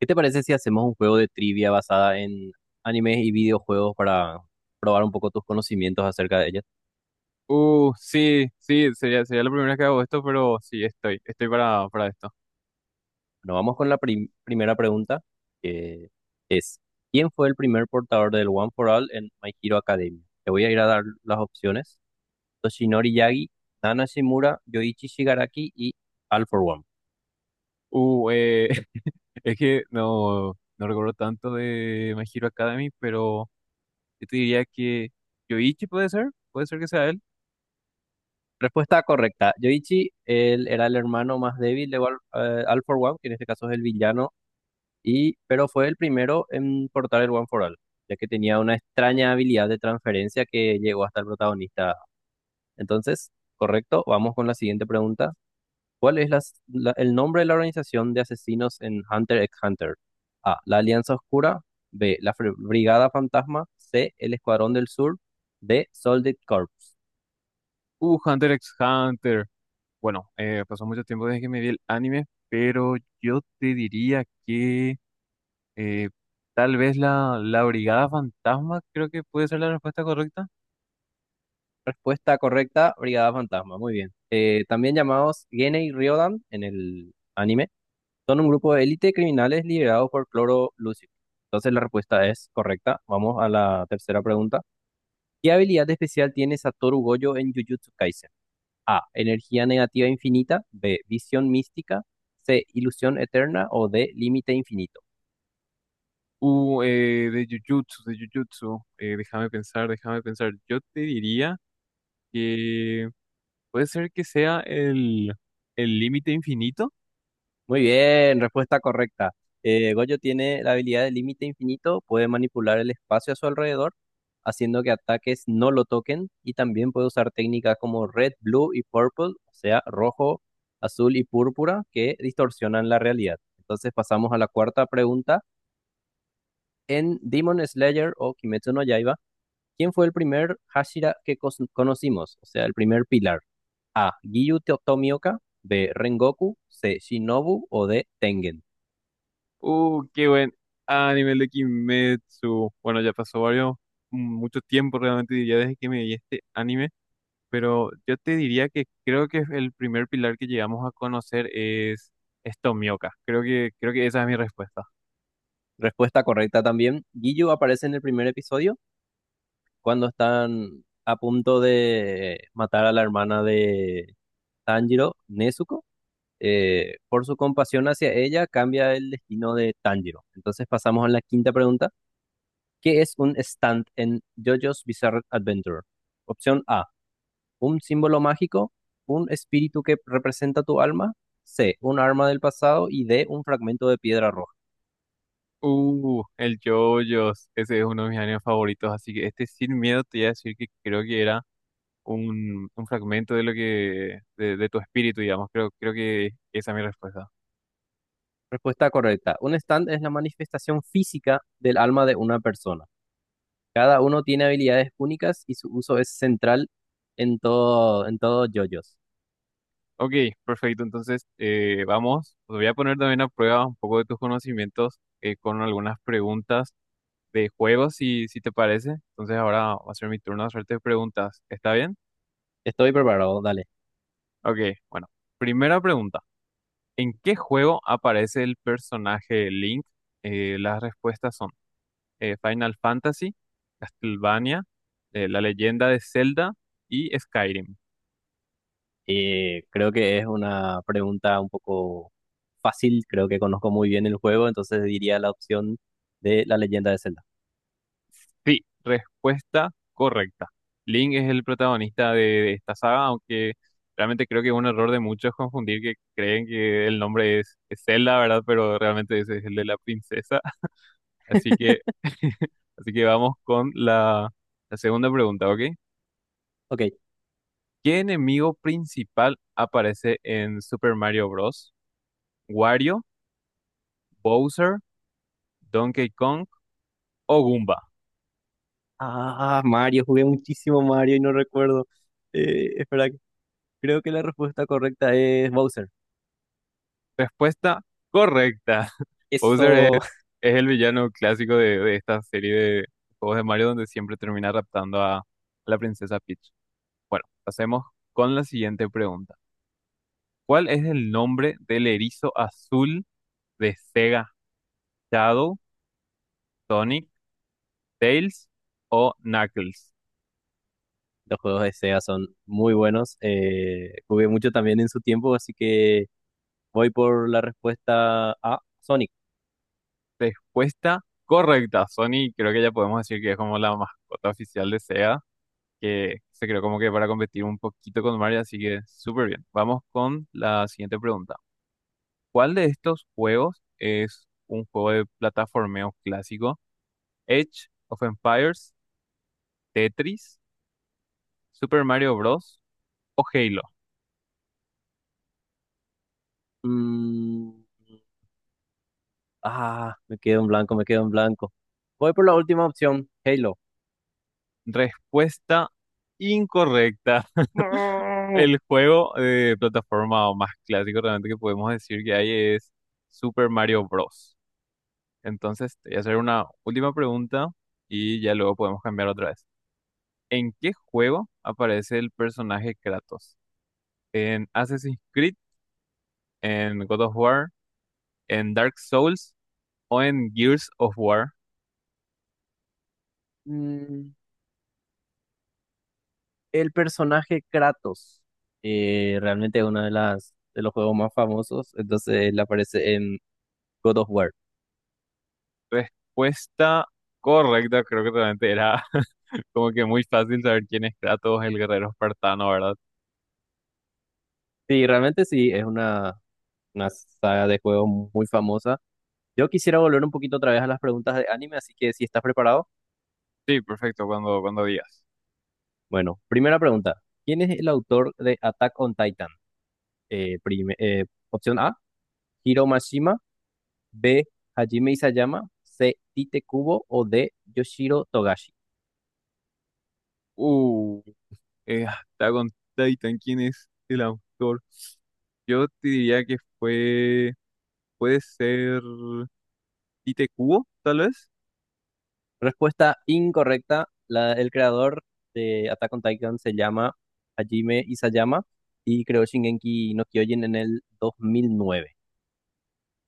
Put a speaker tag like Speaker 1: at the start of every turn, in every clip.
Speaker 1: ¿Qué te parece si hacemos un juego de trivia basada en animes y videojuegos para probar un poco tus conocimientos acerca de ellas?
Speaker 2: Sí, sí, sería la primera vez que hago esto, pero sí, estoy para esto.
Speaker 1: Bueno, vamos con la primera pregunta, que es, ¿quién fue el primer portador del One for All en My Hero Academia? Te voy a ir a dar las opciones. Toshinori Yagi, Nana Shimura, Yoichi Shigaraki y All for One.
Speaker 2: Uh, eh, es que no recuerdo tanto de My Hero Academy, pero yo te diría que Yoichi puede ser que sea él.
Speaker 1: Respuesta correcta. Yoichi, él era el hermano más débil de All for One, que en este caso es el villano. Y pero fue el primero en portar el One for All, ya que tenía una extraña habilidad de transferencia que llegó hasta el protagonista. Entonces, correcto, vamos con la siguiente pregunta. ¿Cuál es el nombre de la organización de asesinos en Hunter x Hunter? A. La Alianza Oscura. B. La Brigada Fantasma. C. El Escuadrón del Sur. D. Solid Corps.
Speaker 2: Hunter x Hunter. Bueno, pasó mucho tiempo desde que me vi el anime, pero yo te diría que eh, tal vez la Brigada Fantasma, creo que puede ser la respuesta correcta.
Speaker 1: Respuesta correcta, Brigada Fantasma. Muy bien. También llamados Genei Ryodan en el anime. Son un grupo de élite de criminales liderados por Cloro Lucio. Entonces la respuesta es correcta. Vamos a la tercera pregunta. ¿Qué habilidad especial tiene Satoru Gojo en Jujutsu Kaisen? A. Energía negativa infinita. B. Visión mística. C. Ilusión eterna. O D. Límite infinito.
Speaker 2: De Jujutsu, de Jujutsu. Déjame pensar, déjame pensar. Yo te diría que puede ser que sea el límite infinito.
Speaker 1: Muy bien, respuesta correcta. Goyo tiene la habilidad de límite infinito, puede manipular el espacio a su alrededor, haciendo que ataques no lo toquen, y también puede usar técnicas como red, blue y purple, o sea, rojo, azul y púrpura, que distorsionan la realidad. Entonces pasamos a la cuarta pregunta. En Demon Slayer o Kimetsu no Yaiba, ¿quién fue el primer Hashira que conocimos? O sea, el primer pilar. A. Giyu Tomioka, B. Rengoku, C. Shinobu o D. Tengen.
Speaker 2: Qué buen anime el de Kimetsu. Bueno, ya pasó varios, mucho tiempo realmente diría desde que me vi este anime, pero yo te diría que creo que el primer pilar que llegamos a conocer es Tomioka. Creo que esa es mi respuesta.
Speaker 1: Respuesta correcta también. Giyu aparece en el primer episodio cuando están a punto de matar a la hermana de Tanjiro, Nezuko. Por su compasión hacia ella, cambia el destino de Tanjiro. Entonces pasamos a la quinta pregunta. ¿Qué es un stand en JoJo's Bizarre Adventure? Opción A, un símbolo mágico, un espíritu que representa tu alma, C, un arma del pasado y D, un fragmento de piedra roja.
Speaker 2: El JoJo's, ese es uno de mis animes favoritos, así que este sin miedo te voy a decir que creo que era un fragmento de lo que, de tu espíritu, digamos, creo que esa es mi respuesta.
Speaker 1: Respuesta correcta. Un stand es la manifestación física del alma de una persona. Cada uno tiene habilidades únicas y su uso es central en todo JoJo's.
Speaker 2: Ok, perfecto, entonces vamos, te voy a poner también a prueba un poco de tus conocimientos con algunas preguntas de juegos, si, si te parece. Entonces ahora va a ser mi turno de hacerte preguntas, ¿está bien?
Speaker 1: Estoy preparado, dale.
Speaker 2: Ok, bueno, primera pregunta. ¿En qué juego aparece el personaje Link? Las respuestas son Final Fantasy, Castlevania, La Leyenda de Zelda y Skyrim.
Speaker 1: Creo que es una pregunta un poco fácil, creo que conozco muy bien el juego, entonces diría la opción de la leyenda de Zelda.
Speaker 2: Sí, respuesta correcta. Link es el protagonista de esta saga, aunque realmente creo que es un error de muchos confundir que creen que el nombre es Zelda, ¿verdad? Pero realmente ese es el de la princesa. Así que, así que vamos con la segunda pregunta, ¿ok?
Speaker 1: Ok.
Speaker 2: ¿Qué enemigo principal aparece en Super Mario Bros? ¿Wario, Bowser, Donkey Kong o Goomba?
Speaker 1: Ah, Mario, jugué muchísimo Mario y no recuerdo. Espera, creo que la respuesta correcta es Bowser.
Speaker 2: Respuesta correcta. Bowser
Speaker 1: Eso.
Speaker 2: es el villano clásico de esta serie de juegos de Mario donde siempre termina raptando a la princesa Peach. Bueno, pasemos con la siguiente pregunta. ¿Cuál es el nombre del erizo azul de Sega? ¿Shadow, Sonic, Tails o Knuckles?
Speaker 1: Los juegos de Sega son muy buenos. Eh, jugué mucho también en su tiempo, así que voy por la respuesta A, Sonic.
Speaker 2: Respuesta correcta. Sony creo que ya podemos decir que es como la mascota oficial de SEGA, que se creó como que para competir un poquito con Mario, así que súper bien. Vamos con la siguiente pregunta. ¿Cuál de estos juegos es un juego de plataformeo clásico? Edge of Empires, Tetris, Super Mario Bros. O Halo.
Speaker 1: Mm, ah, me quedo en blanco. Voy por la última opción, Halo.
Speaker 2: Respuesta incorrecta.
Speaker 1: No.
Speaker 2: El juego de plataforma más clásico realmente que podemos decir que hay es Super Mario Bros. Entonces, te voy a hacer una última pregunta y ya luego podemos cambiar otra vez. ¿En qué juego aparece el personaje Kratos? ¿En Assassin's Creed? ¿En God of War? ¿En Dark Souls? ¿O en Gears of War?
Speaker 1: Mm, el personaje Kratos. Eh, realmente es uno de las de los juegos más famosos. Entonces él aparece en God of War.
Speaker 2: Respuesta correcta, creo que realmente era como que muy fácil saber quién es Kratos, el guerrero espartano, ¿verdad?
Speaker 1: Sí, realmente sí, es una saga de juegos muy famosa. Yo quisiera volver un poquito otra vez a las preguntas de anime, así que si estás preparado,
Speaker 2: Sí, perfecto, cuando digas.
Speaker 1: bueno, primera pregunta. ¿Quién es el autor de Attack on Titan? Opción A, Hiro Mashima, B, Hajime Isayama, C, Tite Kubo o D, Yoshiro Togashi.
Speaker 2: Uh, Attack on Titan, ¿quién es el autor? Yo te diría que fue, puede ser Tite Kubo, tal vez.
Speaker 1: Respuesta incorrecta. El creador de Attack on Titan se llama Hajime Isayama y creó Shingeki no Kyojin en el 2009.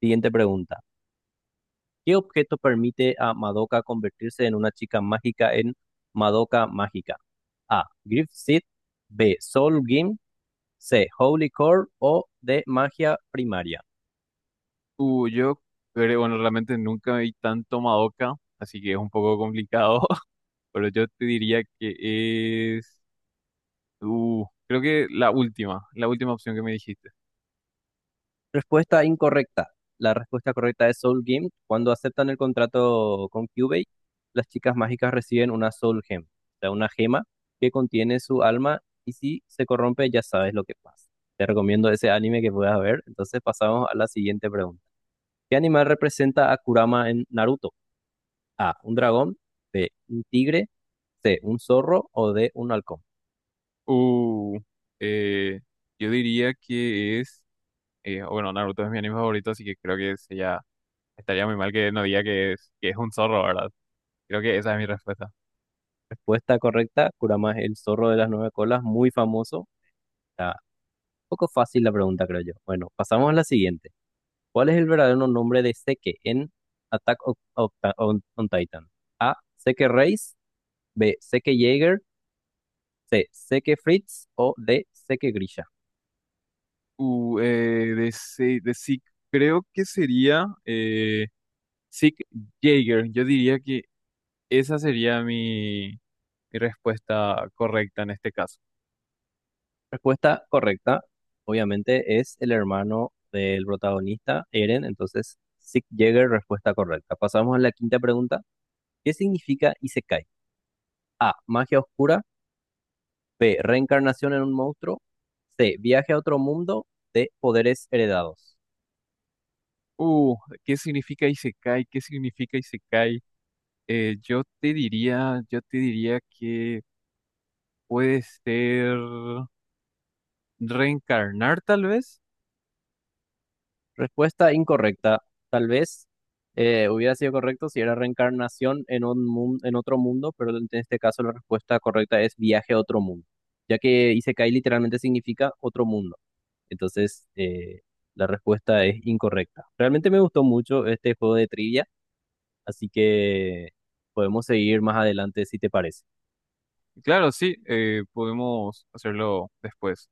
Speaker 1: Siguiente pregunta. ¿Qué objeto permite a Madoka convertirse en una chica mágica en Madoka Mágica? A. Griff Seed. B. Soul Gem. C. Holy Core. O D. Magia Primaria.
Speaker 2: Yo creo, bueno, realmente nunca vi tanto Madoka, así que es un poco complicado. Pero yo te diría que es, creo que la última opción que me dijiste.
Speaker 1: Respuesta incorrecta. La respuesta correcta es Soul Gem. Cuando aceptan el contrato con Kyubey, las chicas mágicas reciben una Soul Gem, o sea, una gema que contiene su alma y si se corrompe ya sabes lo que pasa. Te recomiendo ese anime que puedas ver. Entonces pasamos a la siguiente pregunta. ¿Qué animal representa a Kurama en Naruto? A. Un dragón. B. Un tigre. C. Un zorro. O D. Un halcón.
Speaker 2: Uh, eh, yo diría que es, bueno, Naruto es mi anime favorito, así que creo que sería, estaría muy mal que no diga que es un zorro, ¿verdad? Creo que esa es mi respuesta.
Speaker 1: Respuesta correcta. Kurama es el zorro de las 9 colas, muy famoso. Está un poco fácil la pregunta, creo yo. Bueno, pasamos a la siguiente. ¿Cuál es el verdadero nombre de Seke en Attack on, on Titan? A. Seke Reis. B. Seke Jaeger. C. Seke Fritz. O D. Seke Grisha.
Speaker 2: Uh, eh, de, Se- de Sig, creo que sería Sig Jaeger. Yo diría que esa sería mi, mi respuesta correcta en este caso.
Speaker 1: Respuesta correcta, obviamente, es el hermano del protagonista, Eren. Entonces, Sieg Jäger, respuesta correcta. Pasamos a la quinta pregunta. ¿Qué significa Isekai? A. Magia oscura. B. Reencarnación en un monstruo. C. Viaje a otro mundo. D. Poderes heredados.
Speaker 2: Uh, ¿Qué significa Isekai? ¿Qué significa Isekai? Yo te diría que puede ser reencarnar, tal vez.
Speaker 1: Respuesta incorrecta. Tal vez hubiera sido correcto si era reencarnación en un en otro mundo, pero en este caso la respuesta correcta es viaje a otro mundo, ya que Isekai literalmente significa otro mundo. Entonces, la respuesta es incorrecta. Realmente me gustó mucho este juego de trivia, así que podemos seguir más adelante si te parece.
Speaker 2: Claro, sí, podemos hacerlo después.